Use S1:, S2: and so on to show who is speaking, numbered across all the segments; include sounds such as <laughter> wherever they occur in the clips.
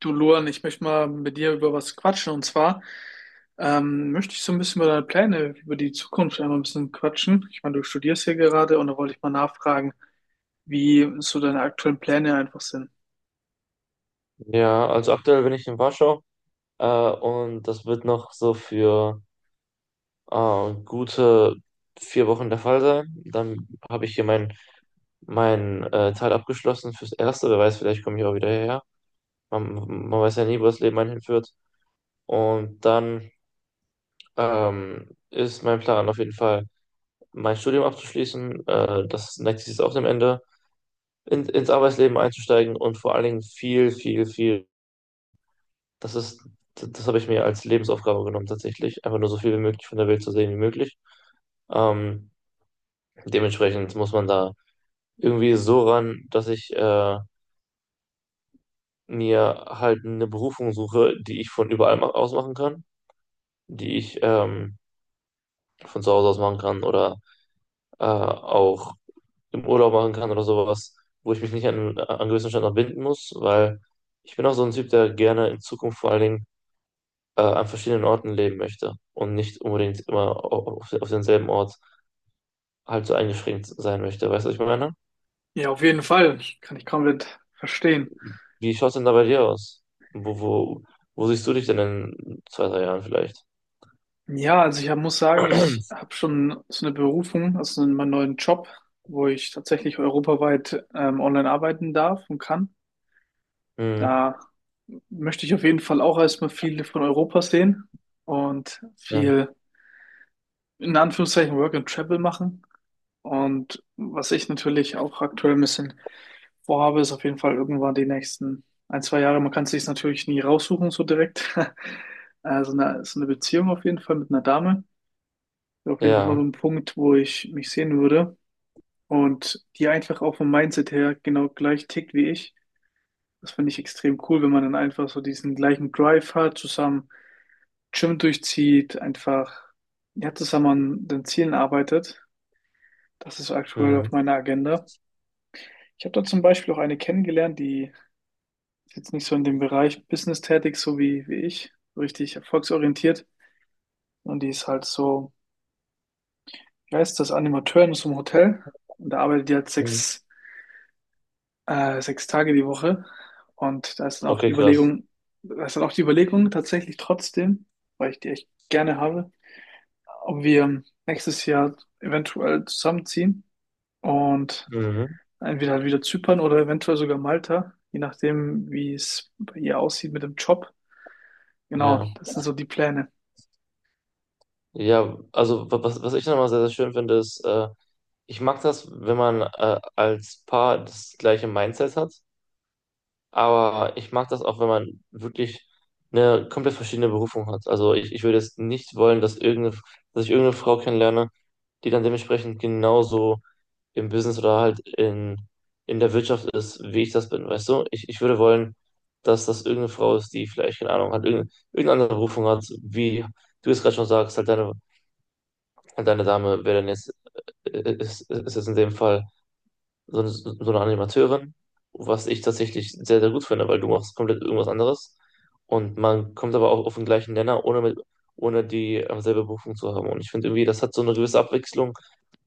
S1: Du Luan, ich möchte mal mit dir über was quatschen, und zwar möchte ich so ein bisschen über deine Pläne, über die Zukunft einmal ein bisschen quatschen. Ich meine, du studierst hier gerade, und da wollte ich mal nachfragen, wie so deine aktuellen Pläne einfach sind.
S2: Ja, also aktuell bin ich in Warschau und das wird noch so für gute 4 Wochen der Fall sein. Dann habe ich hier mein Teil abgeschlossen fürs Erste. Wer weiß, vielleicht komme ich auch wieder hierher. Man, man weiß ja nie, wo das Leben einen hinführt. Und dann ist mein Plan auf jeden Fall, mein Studium abzuschließen. Das nächste ist auch dem Ende. Ins Arbeitsleben einzusteigen und vor allen Dingen viel, viel, viel. Das ist, Das habe ich mir als Lebensaufgabe genommen, tatsächlich einfach nur so viel wie möglich von der Welt zu sehen wie möglich. Ähm, Dementsprechend muss man da irgendwie so ran, dass ich mir halt eine Berufung suche, die ich von überall aus machen kann, die ich von zu Hause aus machen kann oder auch im Urlaub machen kann oder sowas, wo ich mich nicht an gewissen Standort binden muss, weil ich bin auch so ein Typ, der gerne in Zukunft vor allen Dingen an verschiedenen Orten leben möchte und nicht unbedingt immer auf denselben Ort halt so eingeschränkt sein möchte. Weißt du, was ich meine?
S1: Ja, auf jeden Fall. Kann ich komplett verstehen.
S2: Wie schaut es denn da bei dir aus? Wo, wo, wo siehst du dich denn in zwei, drei Jahren vielleicht?
S1: Ja, also ich hab, muss sagen, ich
S2: <clears throat>
S1: habe schon so eine Berufung, also in meinem neuen Job, wo ich tatsächlich europaweit online arbeiten darf und kann.
S2: Mhm.
S1: Da möchte ich auf jeden Fall auch erstmal viel von Europa sehen und
S2: Ja.
S1: viel in Anführungszeichen Work and Travel machen. Und was ich natürlich auch aktuell ein bisschen vorhabe, ist auf jeden Fall irgendwann die nächsten ein, zwei Jahre. Man kann es sich natürlich nie raussuchen, so direkt. <laughs> Also eine, so eine Beziehung auf jeden Fall mit einer Dame. Wäre auf jeden Fall mal
S2: Ja.
S1: so ein Punkt, wo ich mich sehen würde. Und die einfach auch vom Mindset her genau gleich tickt wie ich. Das finde ich extrem cool, wenn man dann einfach so diesen gleichen Drive hat, zusammen Gym durchzieht, einfach ja, zusammen an den Zielen arbeitet. Das ist aktuell
S2: Mhm.
S1: auf meiner Agenda. Ich habe da zum Beispiel auch eine kennengelernt, die ist jetzt nicht so in dem Bereich Business tätig, so wie, wie ich, so richtig erfolgsorientiert. Und die ist halt so, wie heißt das, Animateurin aus dem Hotel. Und da arbeitet die halt
S2: Mhm.
S1: sechs Tage die Woche. Und da ist dann auch
S2: Okay,
S1: die
S2: krass.
S1: Überlegung, da ist dann auch die Überlegung tatsächlich trotzdem, weil ich die echt gerne habe, ob wir nächstes Jahr eventuell zusammenziehen. Und
S2: Mhm.
S1: entweder halt wieder Zypern oder eventuell sogar Malta, je nachdem, wie es bei ihr aussieht mit dem Job. Genau,
S2: Ja.
S1: das sind so die Pläne.
S2: Ja, also was ich nochmal sehr, sehr schön finde, ist, ich mag das, wenn man als Paar das gleiche Mindset hat. Aber ich mag das auch, wenn man wirklich eine komplett verschiedene Berufung hat. Also ich würde jetzt nicht wollen, dass dass ich irgendeine Frau kennenlerne, die dann dementsprechend genauso im Business oder halt in der Wirtschaft ist, wie ich das bin, weißt du? Ich würde wollen, dass das irgendeine Frau ist, die vielleicht, keine Ahnung, hat, irgendeine andere Berufung hat, wie du es gerade schon sagst, halt deine Dame wäre dann jetzt, ist jetzt in dem Fall so eine Animateurin, was ich tatsächlich sehr, sehr gut finde, weil du machst komplett irgendwas anderes und man kommt aber auch auf den gleichen Nenner, ohne die selbe Berufung zu haben. Und ich finde irgendwie, das hat so eine gewisse Abwechslung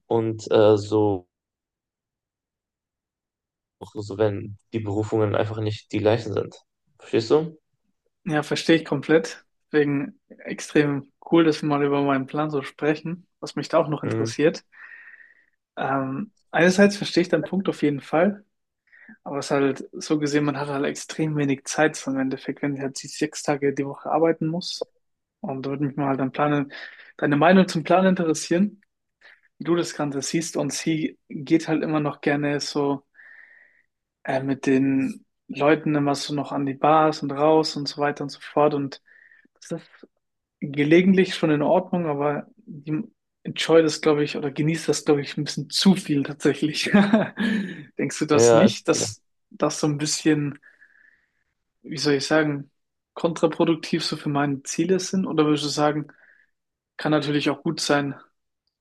S2: und auch so, wenn die Berufungen einfach nicht die gleichen sind. Verstehst du?
S1: Ja, verstehe ich komplett. Deswegen extrem cool, dass wir mal über meinen Plan so sprechen, was mich da auch noch
S2: Mhm.
S1: interessiert. Einerseits verstehe ich deinen Punkt auf jeden Fall, aber es ist halt so gesehen, man hat halt extrem wenig Zeit so im Endeffekt, wenn ich halt die 6 Tage die Woche arbeiten muss. Und da würde mich mal halt dein Plan, deine Meinung zum Plan interessieren. Du das Ganze siehst, und sie geht halt immer noch gerne so mit den Leuten immer so noch an die Bars und raus und so weiter und so fort. Und das ist gelegentlich schon in Ordnung, aber die enjoy das, glaube ich, oder genießt das, glaube ich, ein bisschen zu viel tatsächlich. <laughs> Denkst du das nicht,
S2: Ja.
S1: dass das so ein bisschen, wie soll ich sagen, kontraproduktiv so für meine Ziele sind? Oder würdest du sagen, kann natürlich auch gut sein,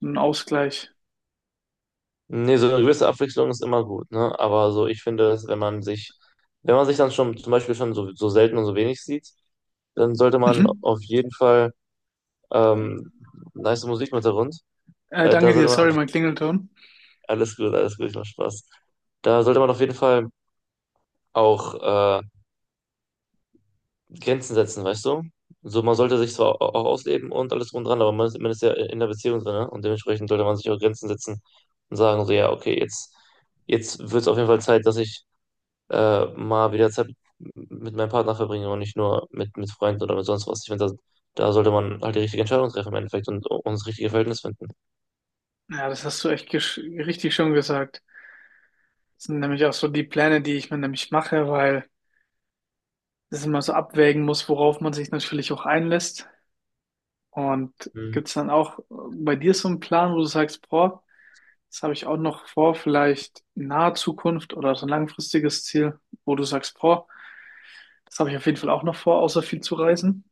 S1: ein Ausgleich?
S2: Nee, so eine gewisse Abwechslung ist immer gut, ne? Aber so, ich finde, dass wenn man sich dann schon zum Beispiel schon so, so selten und so wenig sieht, dann sollte man
S1: Mhm.
S2: auf jeden Fall. Ähm, Nice Musik im Hintergrund. Da
S1: Danke dir,
S2: sollte man
S1: sorry,
S2: auf-
S1: mein Klingelton.
S2: Alles gut, alles gut, ich mach Spaß. Da sollte man auf jeden Fall auch äh, Grenzen setzen, weißt du? So, man sollte sich zwar auch ausleben und alles drum und dran, aber man ist ja in der Beziehung drin, ne? Und dementsprechend sollte man sich auch Grenzen setzen und sagen, so, ja, okay, jetzt wird es auf jeden Fall Zeit, dass ich mal wieder Zeit mit meinem Partner verbringe und nicht nur mit Freunden oder mit sonst was. Ich finde, da sollte man halt die richtige Entscheidung treffen im Endeffekt und das richtige Verhältnis finden.
S1: Ja, das hast du echt richtig schon gesagt. Das sind nämlich auch so die Pläne, die ich mir nämlich mache, weil das immer so abwägen muss, worauf man sich natürlich auch einlässt. Und gibt's dann auch bei dir so einen Plan, wo du sagst, boah, das habe ich auch noch vor, vielleicht in naher Zukunft oder so ein langfristiges Ziel, wo du sagst, boah, das habe ich auf jeden Fall auch noch vor, außer viel zu reisen?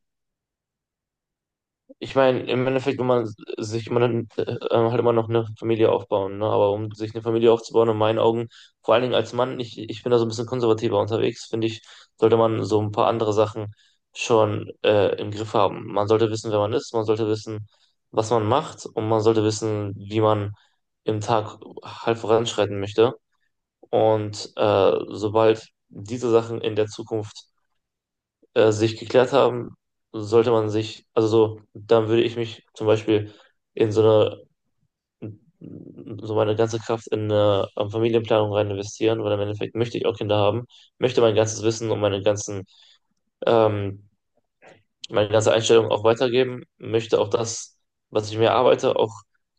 S2: Ich meine, im Endeffekt will man sich immer dann, halt immer noch eine Familie aufbauen, ne? Aber um sich eine Familie aufzubauen, in meinen Augen, vor allen Dingen als Mann, ich bin da so ein bisschen konservativer unterwegs, finde ich, sollte man so ein paar andere Sachen schon im Griff haben. Man sollte wissen, wer man ist, man sollte wissen, was man macht und man sollte wissen, wie man im Tag halt voranschreiten möchte. Und sobald diese Sachen in der Zukunft sich geklärt haben, sollte man sich, also so, dann würde ich mich zum Beispiel in so eine, so meine ganze Kraft in eine Familienplanung rein investieren, weil im Endeffekt möchte ich auch Kinder haben, möchte mein ganzes Wissen und ähm, meine ganze Einstellung auch weitergeben, möchte auch das, was ich mir arbeite,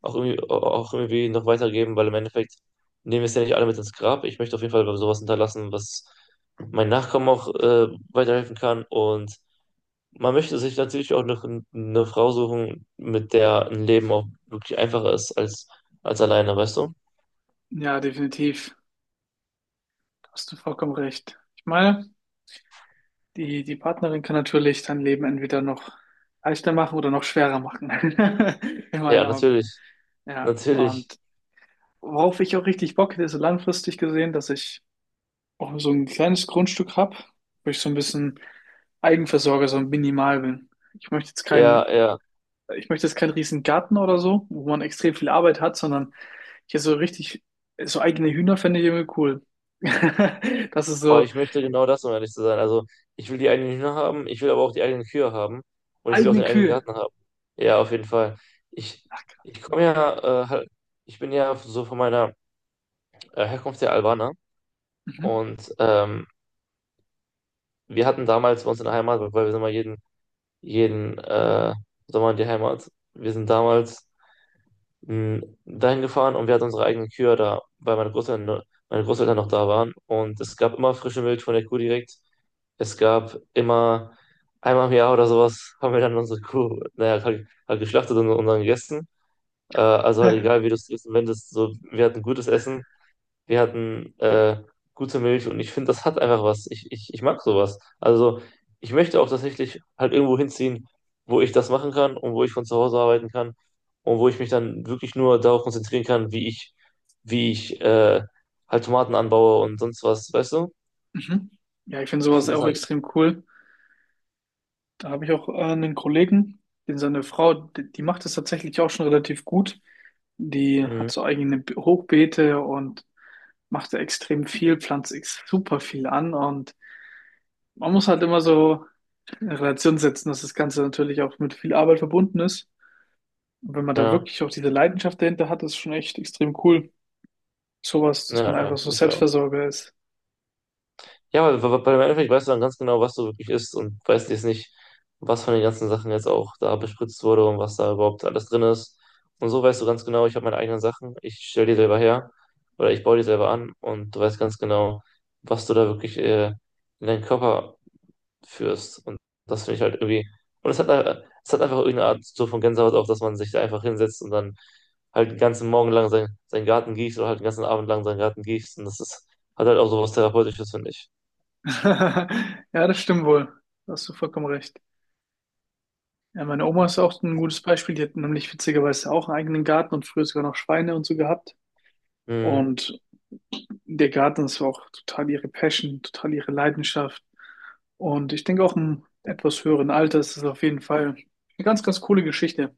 S2: auch irgendwie noch weitergeben, weil im Endeffekt nehmen wir es ja nicht alle mit ins Grab. Ich möchte auf jeden Fall sowas hinterlassen, was mein Nachkommen auch weiterhelfen kann, und man möchte sich natürlich auch noch eine Frau suchen, mit der ein Leben auch wirklich einfacher ist als alleine, weißt du?
S1: Ja, definitiv. Da hast du vollkommen recht. Ich meine, die, die Partnerin kann natürlich dein Leben entweder noch leichter machen oder noch schwerer machen. <laughs> In
S2: Ja,
S1: meinen Augen.
S2: natürlich,
S1: Ja,
S2: natürlich,
S1: und worauf ich auch richtig Bock hätte, ist so langfristig gesehen, dass ich auch so ein kleines Grundstück habe, wo ich so ein bisschen Eigenversorger, so minimal bin. Ich möchte jetzt
S2: ja,
S1: keinen,
S2: ja.
S1: ich möchte jetzt keinen riesen Garten oder so, wo man extrem viel Arbeit hat, sondern hier so richtig, so eigene Hühner fände ich irgendwie cool. <laughs> Das ist
S2: Aber
S1: so
S2: ich möchte genau das, um ehrlich zu sein. Also, ich will die eigenen Hühner haben, ich will aber auch die eigenen Kühe haben und ich will auch
S1: eigene
S2: den eigenen
S1: Kühe.
S2: Garten haben. Ja, auf jeden Fall. Ich,
S1: Ach,
S2: ich komme ja, äh, halt- Ich bin ja so von meiner Herkunft der Albaner
S1: mhm.
S2: und wir hatten damals bei uns in der Heimat, weil wir sind mal jeden Sommer in die Heimat. Wir sind damals dahin gefahren und wir hatten unsere eigenen Kühe da, weil meine Großeltern noch da waren. Und es gab immer frische Milch von der Kuh direkt. Es gab immer einmal im Jahr oder sowas, haben wir dann unsere Kuh, naja, halt geschlachtet und dann gegessen. Also halt
S1: <laughs>
S2: egal, wie du es wendest, so, wir hatten gutes Essen, wir hatten gute Milch und ich finde, das hat einfach was. Ich mag sowas. Also ich möchte auch tatsächlich halt irgendwo hinziehen, wo ich das machen kann und wo ich von zu Hause arbeiten kann und wo ich mich dann wirklich nur darauf konzentrieren kann, wie ich halt Tomaten anbaue und sonst was, weißt du?
S1: Mhm. Ja, ich finde
S2: Ich
S1: sowas
S2: finde das
S1: auch
S2: halt,
S1: extrem cool. Da habe ich auch einen Kollegen, den seine Frau, die macht das tatsächlich auch schon relativ gut. Die
S2: mm,
S1: hat so eigene Hochbeete und macht da extrem viel, pflanzt ex super viel an, und man muss halt immer so in Relation setzen, dass das Ganze natürlich auch mit viel Arbeit verbunden ist. Und wenn man da
S2: Ja,
S1: wirklich auch diese Leidenschaft dahinter hat, ist schon echt extrem cool. Sowas, dass man
S2: ja, ja,
S1: einfach so
S2: finde ich auch.
S1: Selbstversorger ist.
S2: Ja, weil weil im Endeffekt weißt du dann ganz genau, was du wirklich isst und weißt jetzt nicht, was von den ganzen Sachen jetzt auch da bespritzt wurde und was da überhaupt alles drin ist. Und so weißt du ganz genau, ich habe meine eigenen Sachen, ich stelle die selber her oder ich baue die selber an und du weißt ganz genau, was du da wirklich in deinen Körper führst. Und das finde ich halt irgendwie. Und es hat einfach irgendeine Art so von Gänsehaut auf, dass man sich da einfach hinsetzt und dann halt den ganzen Morgen lang seinen Garten gießt oder halt den ganzen Abend lang seinen Garten gießt. Und hat halt auch so was Therapeutisches, finde ich.
S1: <laughs> Ja, das stimmt wohl. Da hast du vollkommen recht. Ja, meine Oma ist auch ein gutes Beispiel. Die hat nämlich witzigerweise auch einen eigenen Garten und früher sogar noch Schweine und so gehabt.
S2: Mhm.
S1: Und der Garten ist auch total ihre Passion, total ihre Leidenschaft. Und ich denke auch im etwas höheren Alter ist es auf jeden Fall eine ganz, ganz coole Geschichte.